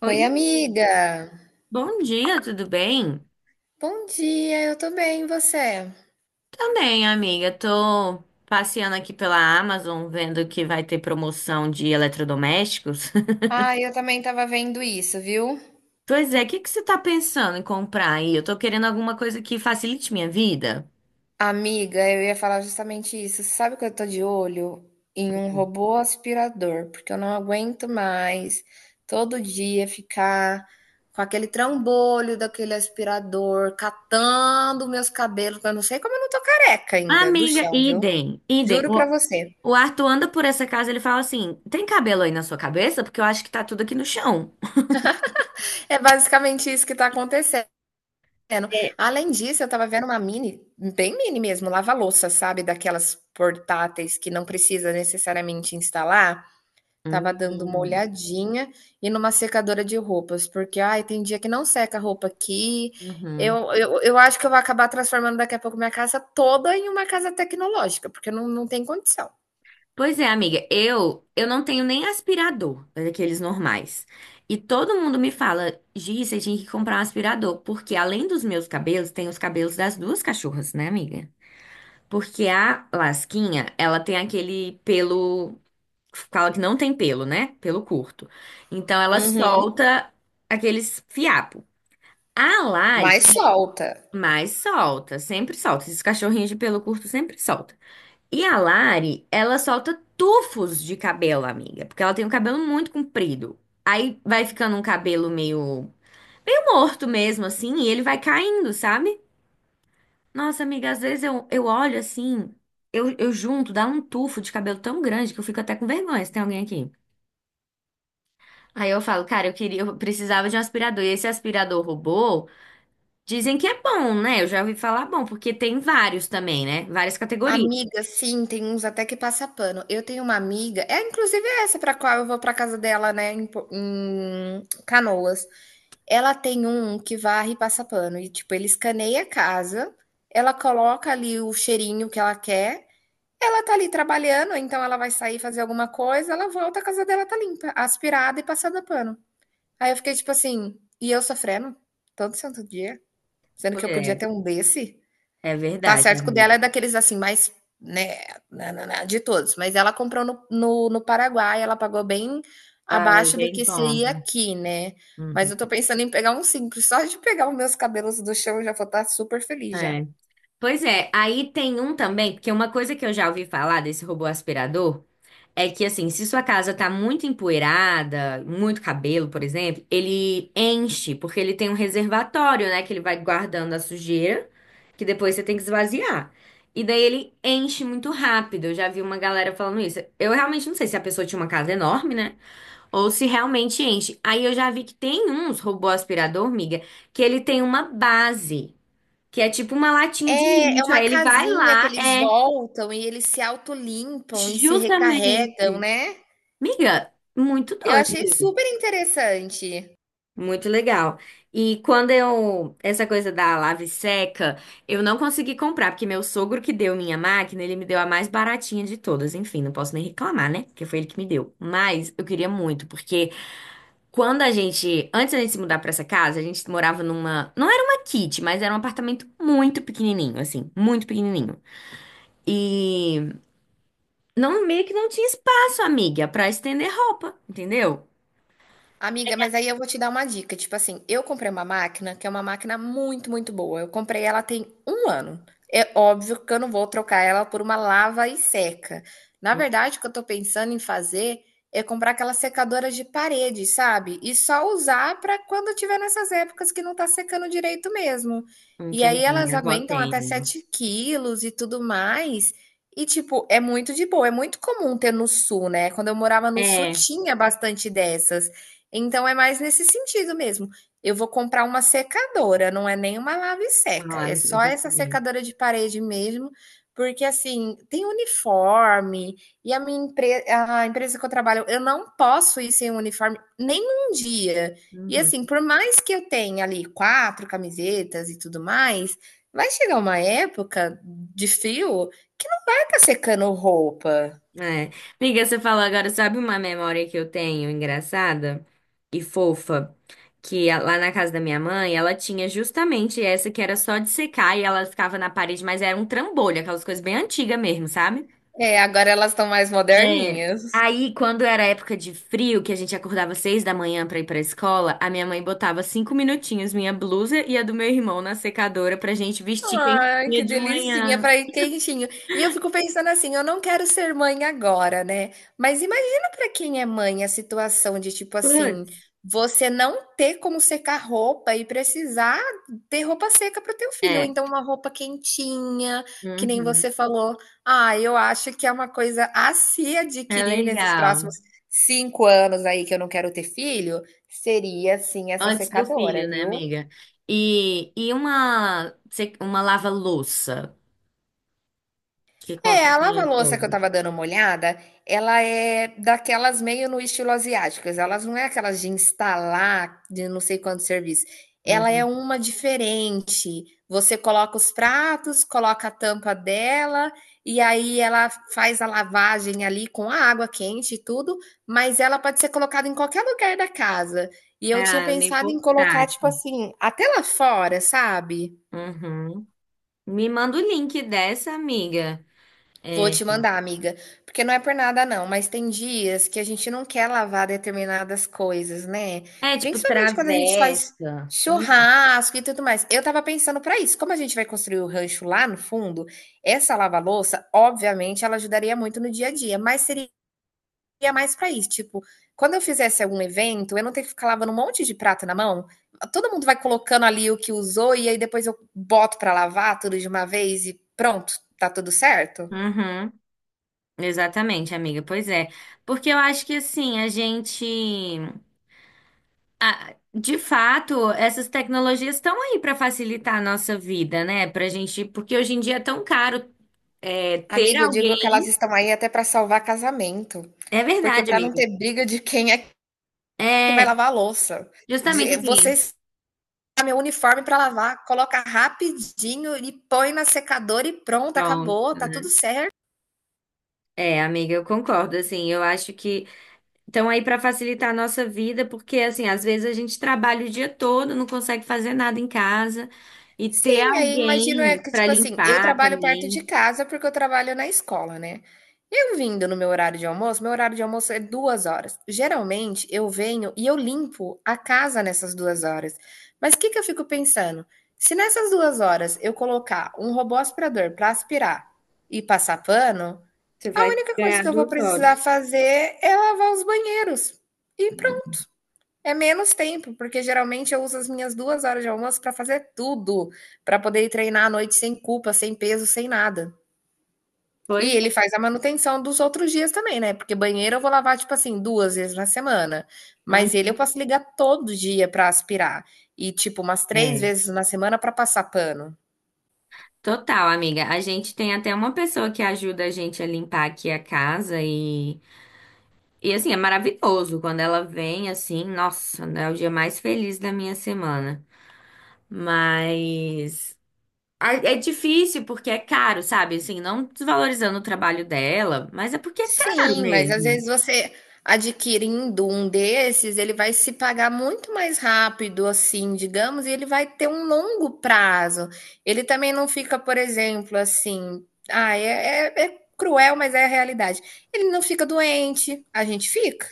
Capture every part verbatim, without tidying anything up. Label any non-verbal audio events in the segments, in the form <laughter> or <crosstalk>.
Oi, Oi, amiga! bom dia, tudo bem? Bom dia, eu tô bem, e você? Também, amiga, tô passeando aqui pela Amazon, vendo que vai ter promoção de eletrodomésticos. <laughs> Ah, eu também tava vendo isso, viu? Pois é, o que que você tá pensando em comprar aí? Eu tô querendo alguma coisa que facilite minha vida. Amiga, eu ia falar justamente isso. Sabe que eu tô de olho em um robô aspirador, porque eu não aguento mais todo dia ficar com aquele trambolho daquele aspirador, catando meus cabelos, que eu não sei como eu não tô careca ainda do Amiga, chão, viu? idem, idem. Juro pra O, você. o Arthur anda por essa casa, ele fala assim, tem cabelo aí na sua cabeça? Porque eu acho que tá tudo aqui no chão. É basicamente isso que tá acontecendo. Vendo. É. Além disso, eu tava vendo uma mini, bem mini mesmo, lava-louça, sabe? Daquelas portáteis que não precisa necessariamente instalar. Tava dando uma Uhum. olhadinha e numa secadora de roupas, porque ai, tem dia que não seca a roupa aqui. Uhum. Eu, eu, eu acho que eu vou acabar transformando daqui a pouco minha casa toda em uma casa tecnológica, porque não, não tem condição. Pois é, amiga, eu eu não tenho nem aspirador daqueles normais. E todo mundo me fala, Gi, você tinha que comprar um aspirador, porque além dos meus cabelos, tem os cabelos das duas cachorras, né, amiga? Porque a Lasquinha, ela tem aquele pelo, fala que não tem pelo, né? Pelo curto. Então ela Uhum. solta aqueles fiapos. A Lari Mas solta. mais solta, sempre solta. Esses cachorrinhos de pelo curto sempre solta. E a Lari, ela solta tufos de cabelo, amiga, porque ela tem um cabelo muito comprido. Aí vai ficando um cabelo meio, meio morto mesmo, assim, e ele vai caindo, sabe? Nossa, amiga, às vezes eu, eu olho assim, eu, eu junto, dá um tufo de cabelo tão grande que eu fico até com vergonha se tem alguém aqui. Aí eu falo, cara, eu queria, eu precisava de um aspirador. E esse aspirador robô, dizem que é bom, né? Eu já ouvi falar bom, porque tem vários também, né? Várias categorias. Amiga, sim, tem uns até que passa pano. Eu tenho uma amiga, é inclusive essa pra qual eu vou pra casa dela, né, em, Po- em Canoas. Ela tem um que varre e passa pano e tipo, ele escaneia a casa, ela coloca ali o cheirinho que ela quer. Ela tá ali trabalhando, então ela vai sair fazer alguma coisa, ela volta, a casa dela tá limpa, aspirada e passada pano. Aí eu fiquei tipo assim, e eu sofrendo todo santo dia, sendo que eu podia ter É, um desse. é Tá verdade, certo que o amiga. dela é daqueles, assim, mais, né, na na na de todos, mas ela comprou no no no Paraguai, ela pagou bem Ai, abaixo do bem que bom. seria aqui, né. Mas Uhum. eu tô pensando em pegar um simples, só de pegar os meus cabelos do chão eu já vou estar super feliz já. É. Pois é, aí tem um também, porque uma coisa que eu já ouvi falar desse robô aspirador é que, assim, se sua casa tá muito empoeirada, muito cabelo, por exemplo, ele enche, porque ele tem um reservatório, né, que ele vai guardando a sujeira, que depois você tem que esvaziar. E daí ele enche muito rápido. Eu já vi uma galera falando isso. Eu realmente não sei se a pessoa tinha uma casa enorme, né? Ou se realmente enche. Aí eu já vi que tem uns robô aspirador, miga, que ele tem uma base. Que é tipo uma latinha de É, é lixo. uma Aí ele vai casinha que lá, eles é voltam e eles se autolimpam e se recarregam, justamente. né. Miga, muito Eu doido, achei super interessante. muito legal. E quando eu, essa coisa da lave seca, eu não consegui comprar, porque meu sogro que deu minha máquina, ele me deu a mais baratinha de todas. Enfim, não posso nem reclamar, né? Porque foi ele que me deu. Mas eu queria muito, porque quando a gente, antes da gente se mudar pra essa casa, a gente morava numa, não era uma kit, mas era um apartamento muito pequenininho, assim, muito pequenininho. E não, meio que não tinha espaço, amiga, pra estender roupa, entendeu? Amiga, mas aí eu vou te dar uma dica. Tipo assim, eu comprei uma máquina que é uma máquina muito, muito boa. Eu comprei ela tem um ano. É óbvio que eu não vou trocar ela por uma lava e seca. Na Hum, verdade, o que eu tô pensando em fazer é comprar aquela secadora de parede, sabe? E só usar para quando tiver nessas épocas que não tá secando direito mesmo. E aí Entendi, elas minha avó aguentam tem até uma. sete quilos e tudo mais. E, tipo, é muito de boa. É muito comum ter no sul, né? Quando eu morava no sul, É, tinha bastante dessas. Então é mais nesse sentido mesmo. Eu vou comprar uma secadora, não é nem uma lave-seca, ah, é só essa entendi. secadora de parede mesmo, porque assim, tem uniforme e a minha empresa, a empresa que eu trabalho, eu não posso ir sem uniforme nem um dia. E Uhum. assim, por mais que eu tenha ali quatro camisetas e tudo mais, vai chegar uma época de frio que não vai estar secando roupa. É. Amiga, você falou agora, sabe uma memória que eu tenho engraçada e fofa? Que a- lá na casa da minha mãe, ela tinha justamente essa que era só de secar e ela ficava na parede, mas era um trambolho, aquelas coisas bem antigas mesmo, sabe? É, agora elas estão mais É. moderninhas. Aí, quando era época de frio, que a gente acordava às seis da manhã pra ir pra escola, a minha mãe botava cinco minutinhos minha blusa e a do meu irmão na secadora pra gente vestir Ai, quentinha que de delicinha manhã. para ir quentinho. E eu fico pensando assim, eu não quero ser mãe agora, né? Mas imagina para quem é mãe a situação de tipo assim, Putz. você não ter como secar roupa e precisar ter roupa seca para o teu filho, ou É. então uma roupa quentinha, que nem Uhum. você falou. Ah, eu acho que é uma coisa a se É adquirir nesses legal. próximos cinco anos aí que eu não quero ter filho, seria sim essa Antes do secadora, filho, né, viu? amiga? E, e uma, se- uma lava-louça que É, costa a assim ao lava-louça que eu fogo. tava dando uma olhada, ela é daquelas meio no estilo asiáticas. Elas não é aquelas de instalar de não sei quanto serviço. Ela é Uhum. uma diferente. Você coloca os pratos, coloca a tampa dela, e aí ela faz a lavagem ali com a água quente e tudo, mas ela pode ser colocada em qualquer lugar da casa. E eu tinha Ah, meio pensado em colocar, tipo portátil. assim, até lá fora, sabe? Uhum. Me manda o link dessa, amiga. Vou É, te mandar, amiga, porque não é por nada não, mas tem dias que a gente não quer lavar determinadas coisas, né? é tipo Principalmente quando a gente travessa. faz churrasco e tudo mais. Eu tava pensando pra isso, como a gente vai construir o rancho lá no fundo, essa lava-louça, obviamente, ela ajudaria muito no dia a dia, mas seria mais pra isso, tipo, quando eu fizesse algum evento, eu não ter que ficar lavando um monte de prato na mão. Todo mundo vai colocando ali o que usou e aí depois eu boto pra lavar tudo de uma vez e pronto, tá tudo certo? Uhum, exatamente, amiga. Pois é. Porque eu acho que assim, a gente. Ah, de fato, essas tecnologias estão aí para facilitar a nossa vida, né? Pra gente. Porque hoje em dia é tão caro é, ter Amiga, eu digo que elas alguém. estão aí até para salvar casamento, É porque verdade, para não amiga. ter briga de quem é que vai É, lavar a louça. justamente De, você assim. está meu uniforme para lavar, coloca rapidinho e põe na secadora e pronto, Pronto. acabou, tá tudo Né? certo. É, amiga, eu concordo. Assim, eu acho que. Então, aí, para facilitar a nossa vida, porque, assim, às vezes a gente trabalha o dia todo, não consegue fazer nada em casa, e ter Sim, aí imagino é alguém que, para tipo assim, eu limpar trabalho perto de também, casa porque eu trabalho na escola, né. Eu vindo no meu horário de almoço, meu horário de almoço é duas horas. Geralmente eu venho e eu limpo a casa nessas duas horas. Mas o que que eu fico pensando, se nessas duas horas eu colocar um robô aspirador para aspirar e passar pano, você a vai única coisa ganhar que eu vou duas precisar horas. fazer é lavar os banheiros, e é menos tempo, porque geralmente eu uso as minhas duas horas de almoço para fazer tudo, para poder ir treinar à noite sem culpa, sem peso, sem nada. E Pois ele é. faz a manutenção dos outros dias também, né? Porque banheiro eu vou lavar, tipo assim, duas vezes na semana. Hum, Mas ele eu posso ligar todo dia para aspirar. E, tipo, umas três é. vezes na semana para passar pano. Total, amiga. A gente tem até uma pessoa que ajuda a gente a limpar aqui a casa e, e assim, é maravilhoso quando ela vem assim, nossa, é o dia mais feliz da minha semana. Mas a- É difícil porque é caro, sabe? Assim, não desvalorizando o trabalho dela, mas é porque é caro Sim, mas às mesmo. vezes você adquirindo um desses, ele vai se pagar muito mais rápido, assim, digamos, e ele vai ter um longo prazo. Ele também não fica, por exemplo, assim, ah, é, é é cruel, mas é a realidade. Ele não fica doente, a gente fica.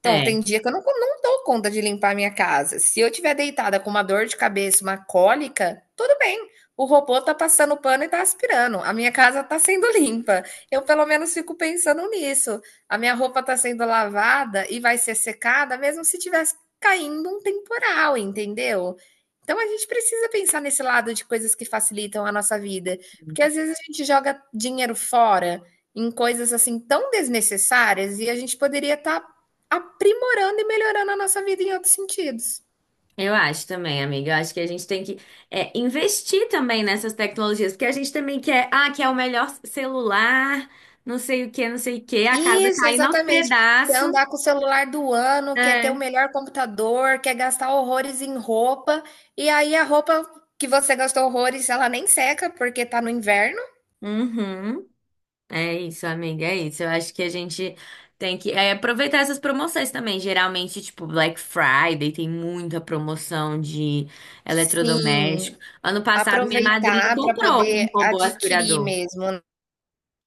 Então, tem É. dia que eu não, co- não dou conta de limpar a minha casa. Se eu tiver deitada com uma dor de cabeça, uma cólica, tudo bem. O robô tá passando pano e tá aspirando. A minha casa tá sendo <laughs> limpa. Eu pelo menos fico pensando nisso. A minha roupa tá sendo lavada e vai ser secada, mesmo se tivesse caindo um temporal, entendeu? Então a gente precisa pensar nesse lado de coisas que facilitam a nossa vida, porque às vezes a gente joga dinheiro fora em coisas assim tão desnecessárias e a gente poderia estar aprimorando e melhorando a nossa vida em outros sentidos. Eu acho também, amiga. Eu acho que a gente tem que é, investir também nessas tecnologias, porque a gente também quer, ah, quer o melhor celular, não sei o que, não sei o que, a casa Isso, cair aos exatamente. Quer pedaços. andar com o celular do ano, quer ter o É. melhor computador, quer gastar horrores em roupa, e aí a roupa que você gastou horrores, ela nem seca porque tá no inverno. Uhum. É isso, amiga, é isso. Eu acho que a gente tem que é, aproveitar essas promoções também. Geralmente, tipo, Black Friday tem muita promoção de eletrodoméstico. Sim, Ano passado, minha madrinha aproveitar para comprou um poder robô adquirir aspirador. mesmo.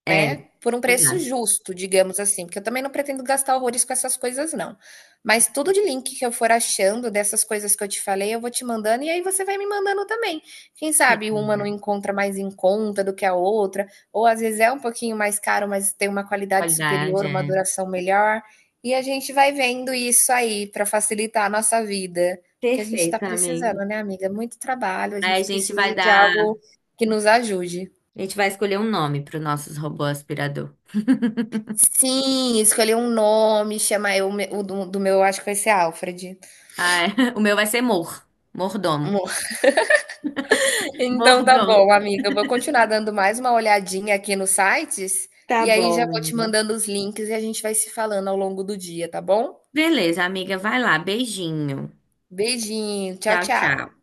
É, Né, por um preço exato. justo, digamos assim, porque eu também não pretendo gastar horrores com essas coisas não. Mas tudo de link que eu for achando dessas coisas que eu te falei, eu vou te mandando e aí você vai me mandando também. Quem Sim, sabe uma não amiga. encontra mais em conta do que a outra, ou às vezes é um pouquinho mais caro, mas tem uma qualidade Qualidade, superior, uma é. duração melhor, e a gente vai vendo isso aí para facilitar a nossa vida, porque a gente está Perfeito, amigo. precisando, né, amiga? Muito trabalho, a Aí a gente gente vai precisa de dar. algo que nos ajude. A gente vai escolher um nome para os nossos robô aspirador. Sim, escolher um nome, chamar eu me o do do meu acho que vai ser Alfred. Ah, é. <laughs> O meu vai ser Mor. Mordomo. Amor. <laughs> Então tá Mordomo. bom, amiga, eu vou continuar dando mais uma olhadinha aqui nos sites, Tá e aí bom, já vou te menina. mandando os links e a gente vai se falando ao longo do dia, tá bom? Beleza, amiga, vai lá. Beijinho. Beijinho, tchau, Tchau, tchau. tchau.